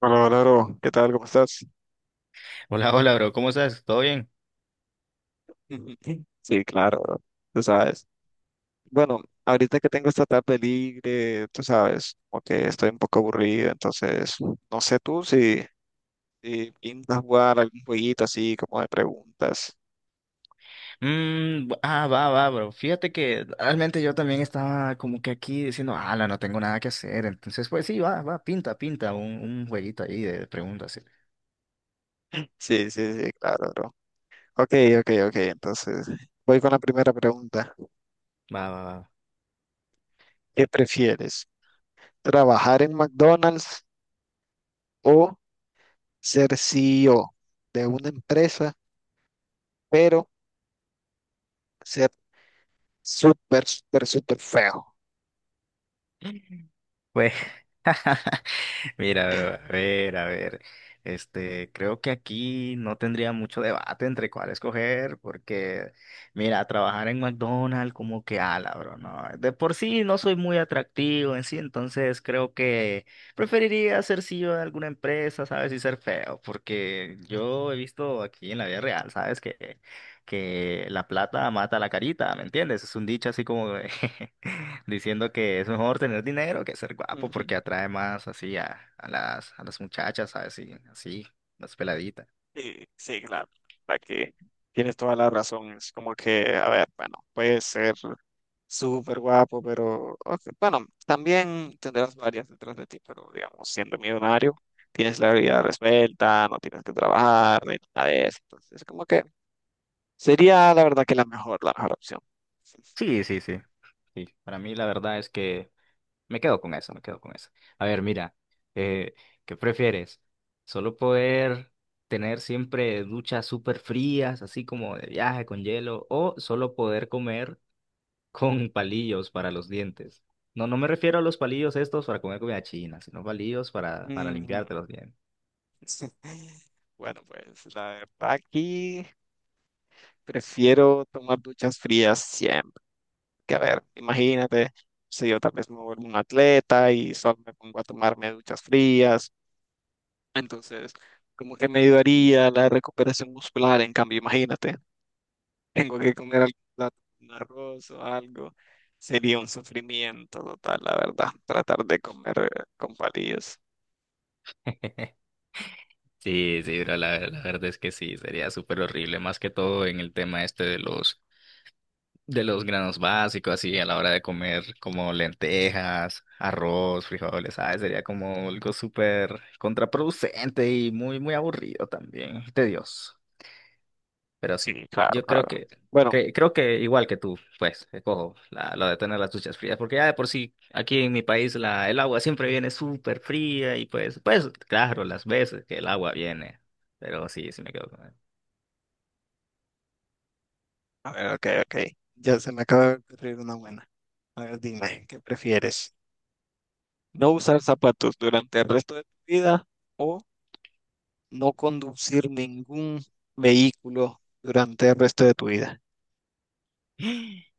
Hola, hola, bro. ¿Qué tal? ¿Cómo estás? Hola, hola, bro. ¿Cómo estás? ¿Todo bien? Sí, claro, bro. Tú sabes. Bueno, ahorita que tengo esta tarde libre, tú sabes, como que estoy un poco aburrido, entonces no sé tú si, si pintas jugar algún jueguito así como de preguntas. Va, va, bro. Fíjate que realmente yo también estaba como que aquí diciendo, ala, no tengo nada que hacer. Entonces, pues sí, va, va, pinta un jueguito ahí de preguntas. Sí. Sí, sí, sí, claro, bro. Ok, ok, ok. Entonces voy con la primera pregunta. Va, va, va. ¿Qué prefieres? ¿Trabajar en McDonald's o ser CEO de una empresa, pero ser súper, súper, súper feo? Pues mira, bro, a ver, a ver. Este, creo que aquí no tendría mucho debate entre cuál escoger, porque, mira, trabajar en McDonald's como que ala, bro, no. De por sí no soy muy atractivo en sí, entonces creo que preferiría ser CEO de alguna empresa, ¿sabes? Y ser feo, porque yo he visto aquí en la vida real, ¿sabes? Que la plata mata la carita, ¿me entiendes? Es un dicho así como de- diciendo que es mejor tener dinero que ser guapo Ujú. porque atrae más así a las muchachas, ¿sabes? Y así, las peladitas. Sí, sí, claro, la que tienes toda la razón. Es como que, a ver, bueno, puede ser súper guapo, pero ok, bueno, también tendrás varias detrás de ti, pero digamos, siendo millonario, tienes la vida resuelta, no tienes que trabajar, ni nada de eso. Entonces, es como que sería la verdad que la mejor opción. Sí, sí, sí. Sí, para mí la verdad es que me quedo con eso, me quedo con eso. A ver, mira, eh, ¿qué prefieres? ¿Solo poder tener siempre duchas súper frías, así como de viaje con hielo, o solo poder comer con palillos para los dientes? No, no me refiero a los palillos estos para comer comida china, sino palillos para Mm. limpiarte los dientes. Bueno, pues la verdad aquí prefiero tomar duchas frías siempre. Que a ver, imagínate, si yo tal vez me vuelvo un atleta y solo me pongo a tomarme duchas frías, entonces como que me ayudaría la recuperación muscular, en cambio, imagínate, tengo que comer algún plato, un arroz o algo, sería un sufrimiento total, la verdad, tratar de comer con palillos. Sí, sí, bro, la verdad es que sí, sería súper horrible, más que todo en el tema este de los granos básicos, así a la hora de comer como lentejas, arroz, frijoles, ¿sabes? Sería como algo súper contraproducente y muy, muy aburrido también, tedioso. Pero sí, Sí, claro, yo creo claro. que, Bueno, creo que igual que tú, pues, escojo la, lo de tener las duchas frías, porque ya de por sí, aquí en mi país la, el agua siempre viene súper fría y pues, pues, claro, las veces que el agua viene, pero sí, sí me quedo con él. a ver, ok, ok, ya se me acaba de ocurrir una buena. A ver, dime, ¿qué prefieres? ¿No usar zapatos durante el resto de tu vida? O no conducir ningún vehículo durante el resto de tu vida.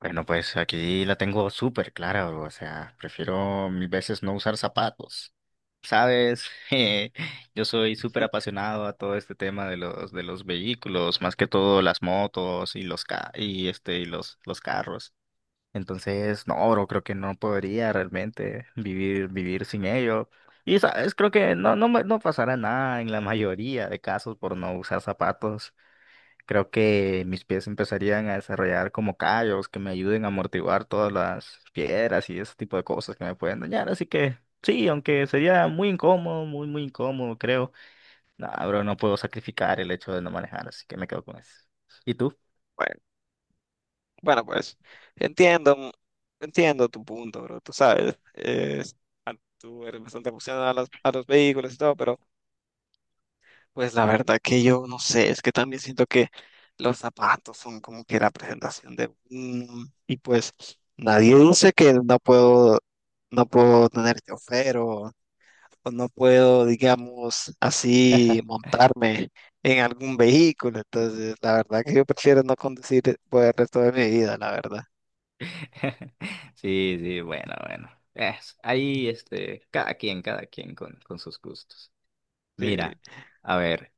Bueno, pues aquí la tengo súper clara, bro. O sea, prefiero mil veces no usar zapatos. Sabes, yo soy súper Hmm. apasionado a todo este tema de los vehículos, más que todo las motos y los ca y este y los carros. Entonces, no, bro, creo que no podría realmente vivir, vivir sin ello. Y sabes, creo que no, no, no pasará nada en la mayoría de casos por no usar zapatos. Creo que mis pies empezarían a desarrollar como callos que me ayuden a amortiguar todas las piedras y ese tipo de cosas que me pueden dañar. Así que sí, aunque sería muy incómodo, muy, muy incómodo, creo. No, bro, no puedo sacrificar el hecho de no manejar, así que me quedo con eso. ¿Y tú? Bueno, bueno, pues entiendo, entiendo tu punto, bro. Tú sabes, tú eres bastante aficionado a los vehículos y todo, pero pues la verdad que yo no sé, es que también siento que los zapatos son como que la presentación de uno, y pues nadie dice que no puedo tener chofer o no puedo, digamos, así montarme en algún vehículo. Entonces, la verdad que yo prefiero no conducir por el resto de mi vida, la verdad. Sí, sí, bueno, bueno. Es, ahí, este, cada quien con sus gustos. Sí. Mira, a ver,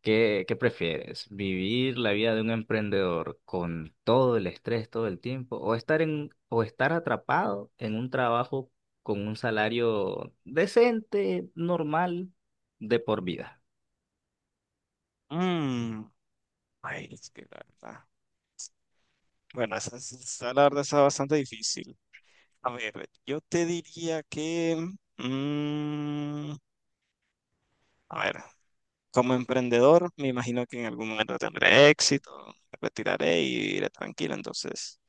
¿qué, qué prefieres? ¿Vivir la vida de un emprendedor con todo el estrés todo el tiempo? ¿O estar en, o estar atrapado en un trabajo con un salario decente, normal, de por vida? Mm, ay, es que la verdad. Bueno, esa, la verdad está bastante difícil. A ver, yo te diría que, mm, a ver, como emprendedor, me imagino que en algún momento tendré éxito, me retiraré y iré tranquilo. Entonces,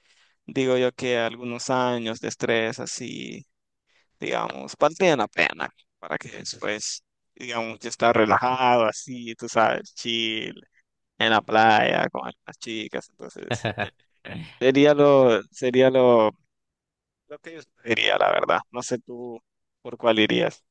digo yo que algunos años de estrés así digamos, valdría la pena para que después, digamos, yo estar relajado así, tú sabes, chill, en la playa con las chicas, entonces sería lo, sería lo, lo que yo diría, la verdad. No sé tú por cuál irías.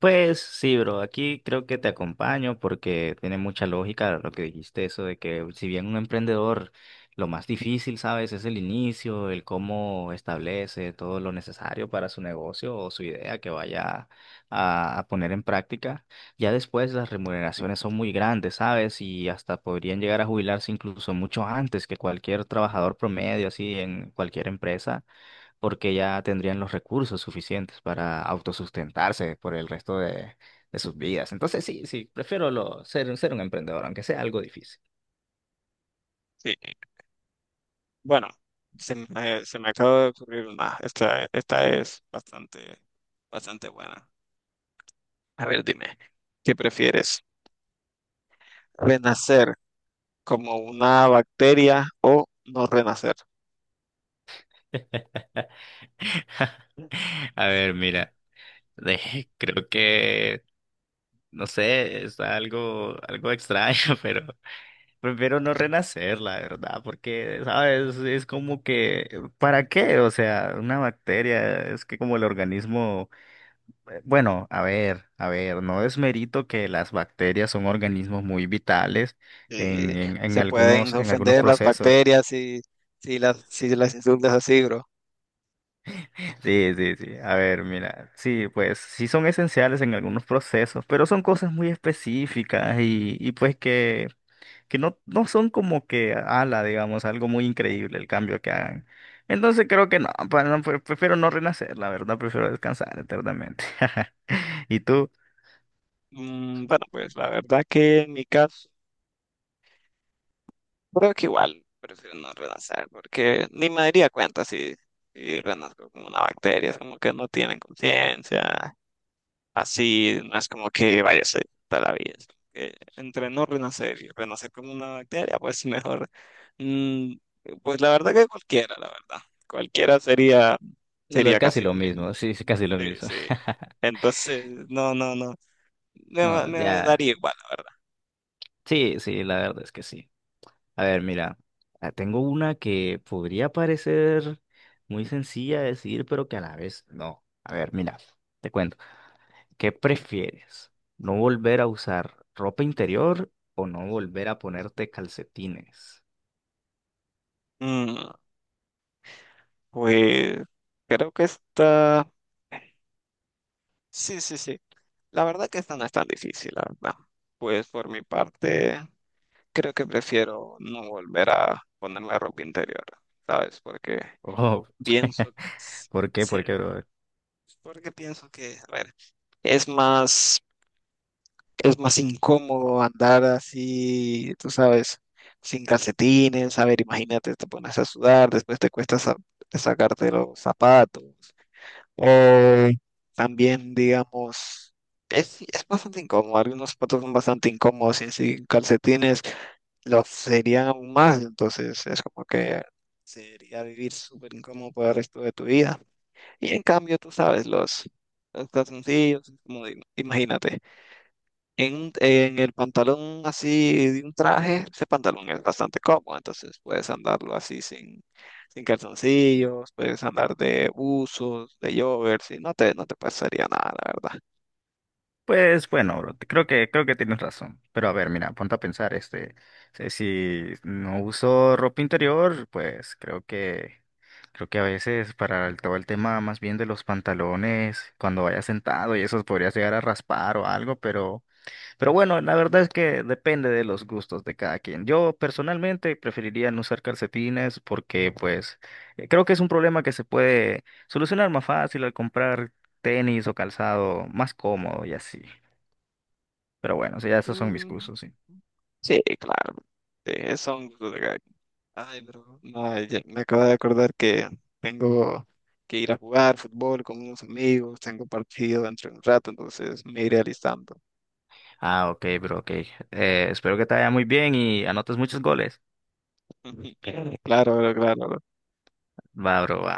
Pues sí, bro, aquí creo que te acompaño porque tiene mucha lógica lo que dijiste, eso de que si bien un emprendedor lo más difícil, ¿sabes? Es el inicio, el cómo establece todo lo necesario para su negocio o su idea que vaya a poner en práctica. Ya después las remuneraciones son muy grandes, ¿sabes? Y hasta podrían llegar a jubilarse incluso mucho antes que cualquier trabajador promedio, así en cualquier empresa porque ya tendrían los recursos suficientes para autosustentarse por el resto de sus vidas. Entonces, sí, sí, prefiero lo, ser, ser un emprendedor, aunque sea algo difícil. Sí, bueno, se me acaba de ocurrir una, esta es bastante buena. A ver, dime, ¿qué prefieres? ¿Renacer como una bacteria o no renacer? A ver, mira, creo que, no sé, está algo, algo extraño, pero prefiero no renacer, la verdad, porque, ¿sabes? Es como que, ¿para qué? O sea, una bacteria, es que como el organismo... bueno, a ver, no desmerito que las bacterias son organismos muy vitales en, eh, en, en Se pueden algunos, en algunos ofender las procesos. bacterias si las insultas así, bro. Sí, sí, sí. A ver, mira, sí, pues sí son esenciales en algunos procesos, pero son cosas muy específicas y pues que no, no son como que ala, digamos, algo muy increíble el cambio que hagan. Entonces creo que no, no, prefiero no renacer, la verdad, prefiero descansar eternamente. ¿Y tú? Mm, bueno, pues la verdad que en mi caso, creo que igual prefiero no renacer, porque ni me daría cuenta si renazco como una bacteria, es como que no tienen conciencia, así, no es como que vaya a ser toda la vida. Es como que entre no renacer y renacer como una bacteria, pues mejor, mm, pues la verdad que cualquiera, la verdad, cualquiera sería, sería Casi casi lo lo mismo. mismo, sí, sí, casi lo Sí, mismo. sí. Entonces, no, no, no. No, Me ya. daría igual. Sí, sí, la verdad es que sí. A ver, mira, ah, tengo una que podría parecer muy sencilla de decir, pero que a la vez no. A ver, mira, te cuento. ¿Qué prefieres? ¿No volver a usar ropa interior o no volver a ponerte calcetines? Mm, pues creo que está... Sí, sí, sí. La verdad que esta no es tan difícil, la verdad. Pues por mi parte, creo que prefiero no volver a ponerme ropa interior, ¿sabes? Porque Oh, pienso... ¿por qué? Sí, ¿Por qué, bro? porque pienso que, a ver, es más... es más incómodo andar así, tú sabes, sin calcetines, a ver, imagínate, te pones a sudar, después sacarte los zapatos. O también, digamos, sí, es bastante incómodo, algunos zapatos son bastante incómodos y sin calcetines los serían aún más, entonces es como que sería vivir súper incómodo por el resto de tu vida. Y en cambio, tú sabes, los calzoncillos, como, digo, imagínate en, en el pantalón así de un traje, ese pantalón es bastante cómodo, entonces puedes andarlo así sin calzoncillos, puedes andar de buzos, de joggers, y no te pasaría nada, la verdad. Pues bueno, bro, creo que tienes razón. Pero a ver, mira, ponte a pensar, este, si no uso ropa interior, pues creo que a veces para todo el tema más bien de los pantalones, cuando vaya sentado y eso podrías llegar a raspar o algo, pero bueno, la verdad es que depende de los gustos de cada quien. Yo personalmente preferiría no usar calcetines porque pues creo que es un problema que se puede solucionar más fácil al comprar tenis o calzado más cómodo y así. Pero bueno, sí, ya esos son mis Mm, cursos, sí. sí, claro, son... Ay, bro, no, ya me acabo de acordar que tengo que ir a jugar fútbol con unos amigos, tengo partido dentro de un rato, entonces me iré alistando. Ah, ok, bro, ok. Espero que te vaya muy bien y anotes muchos goles. Claro, bro, claro, Va, bro, va.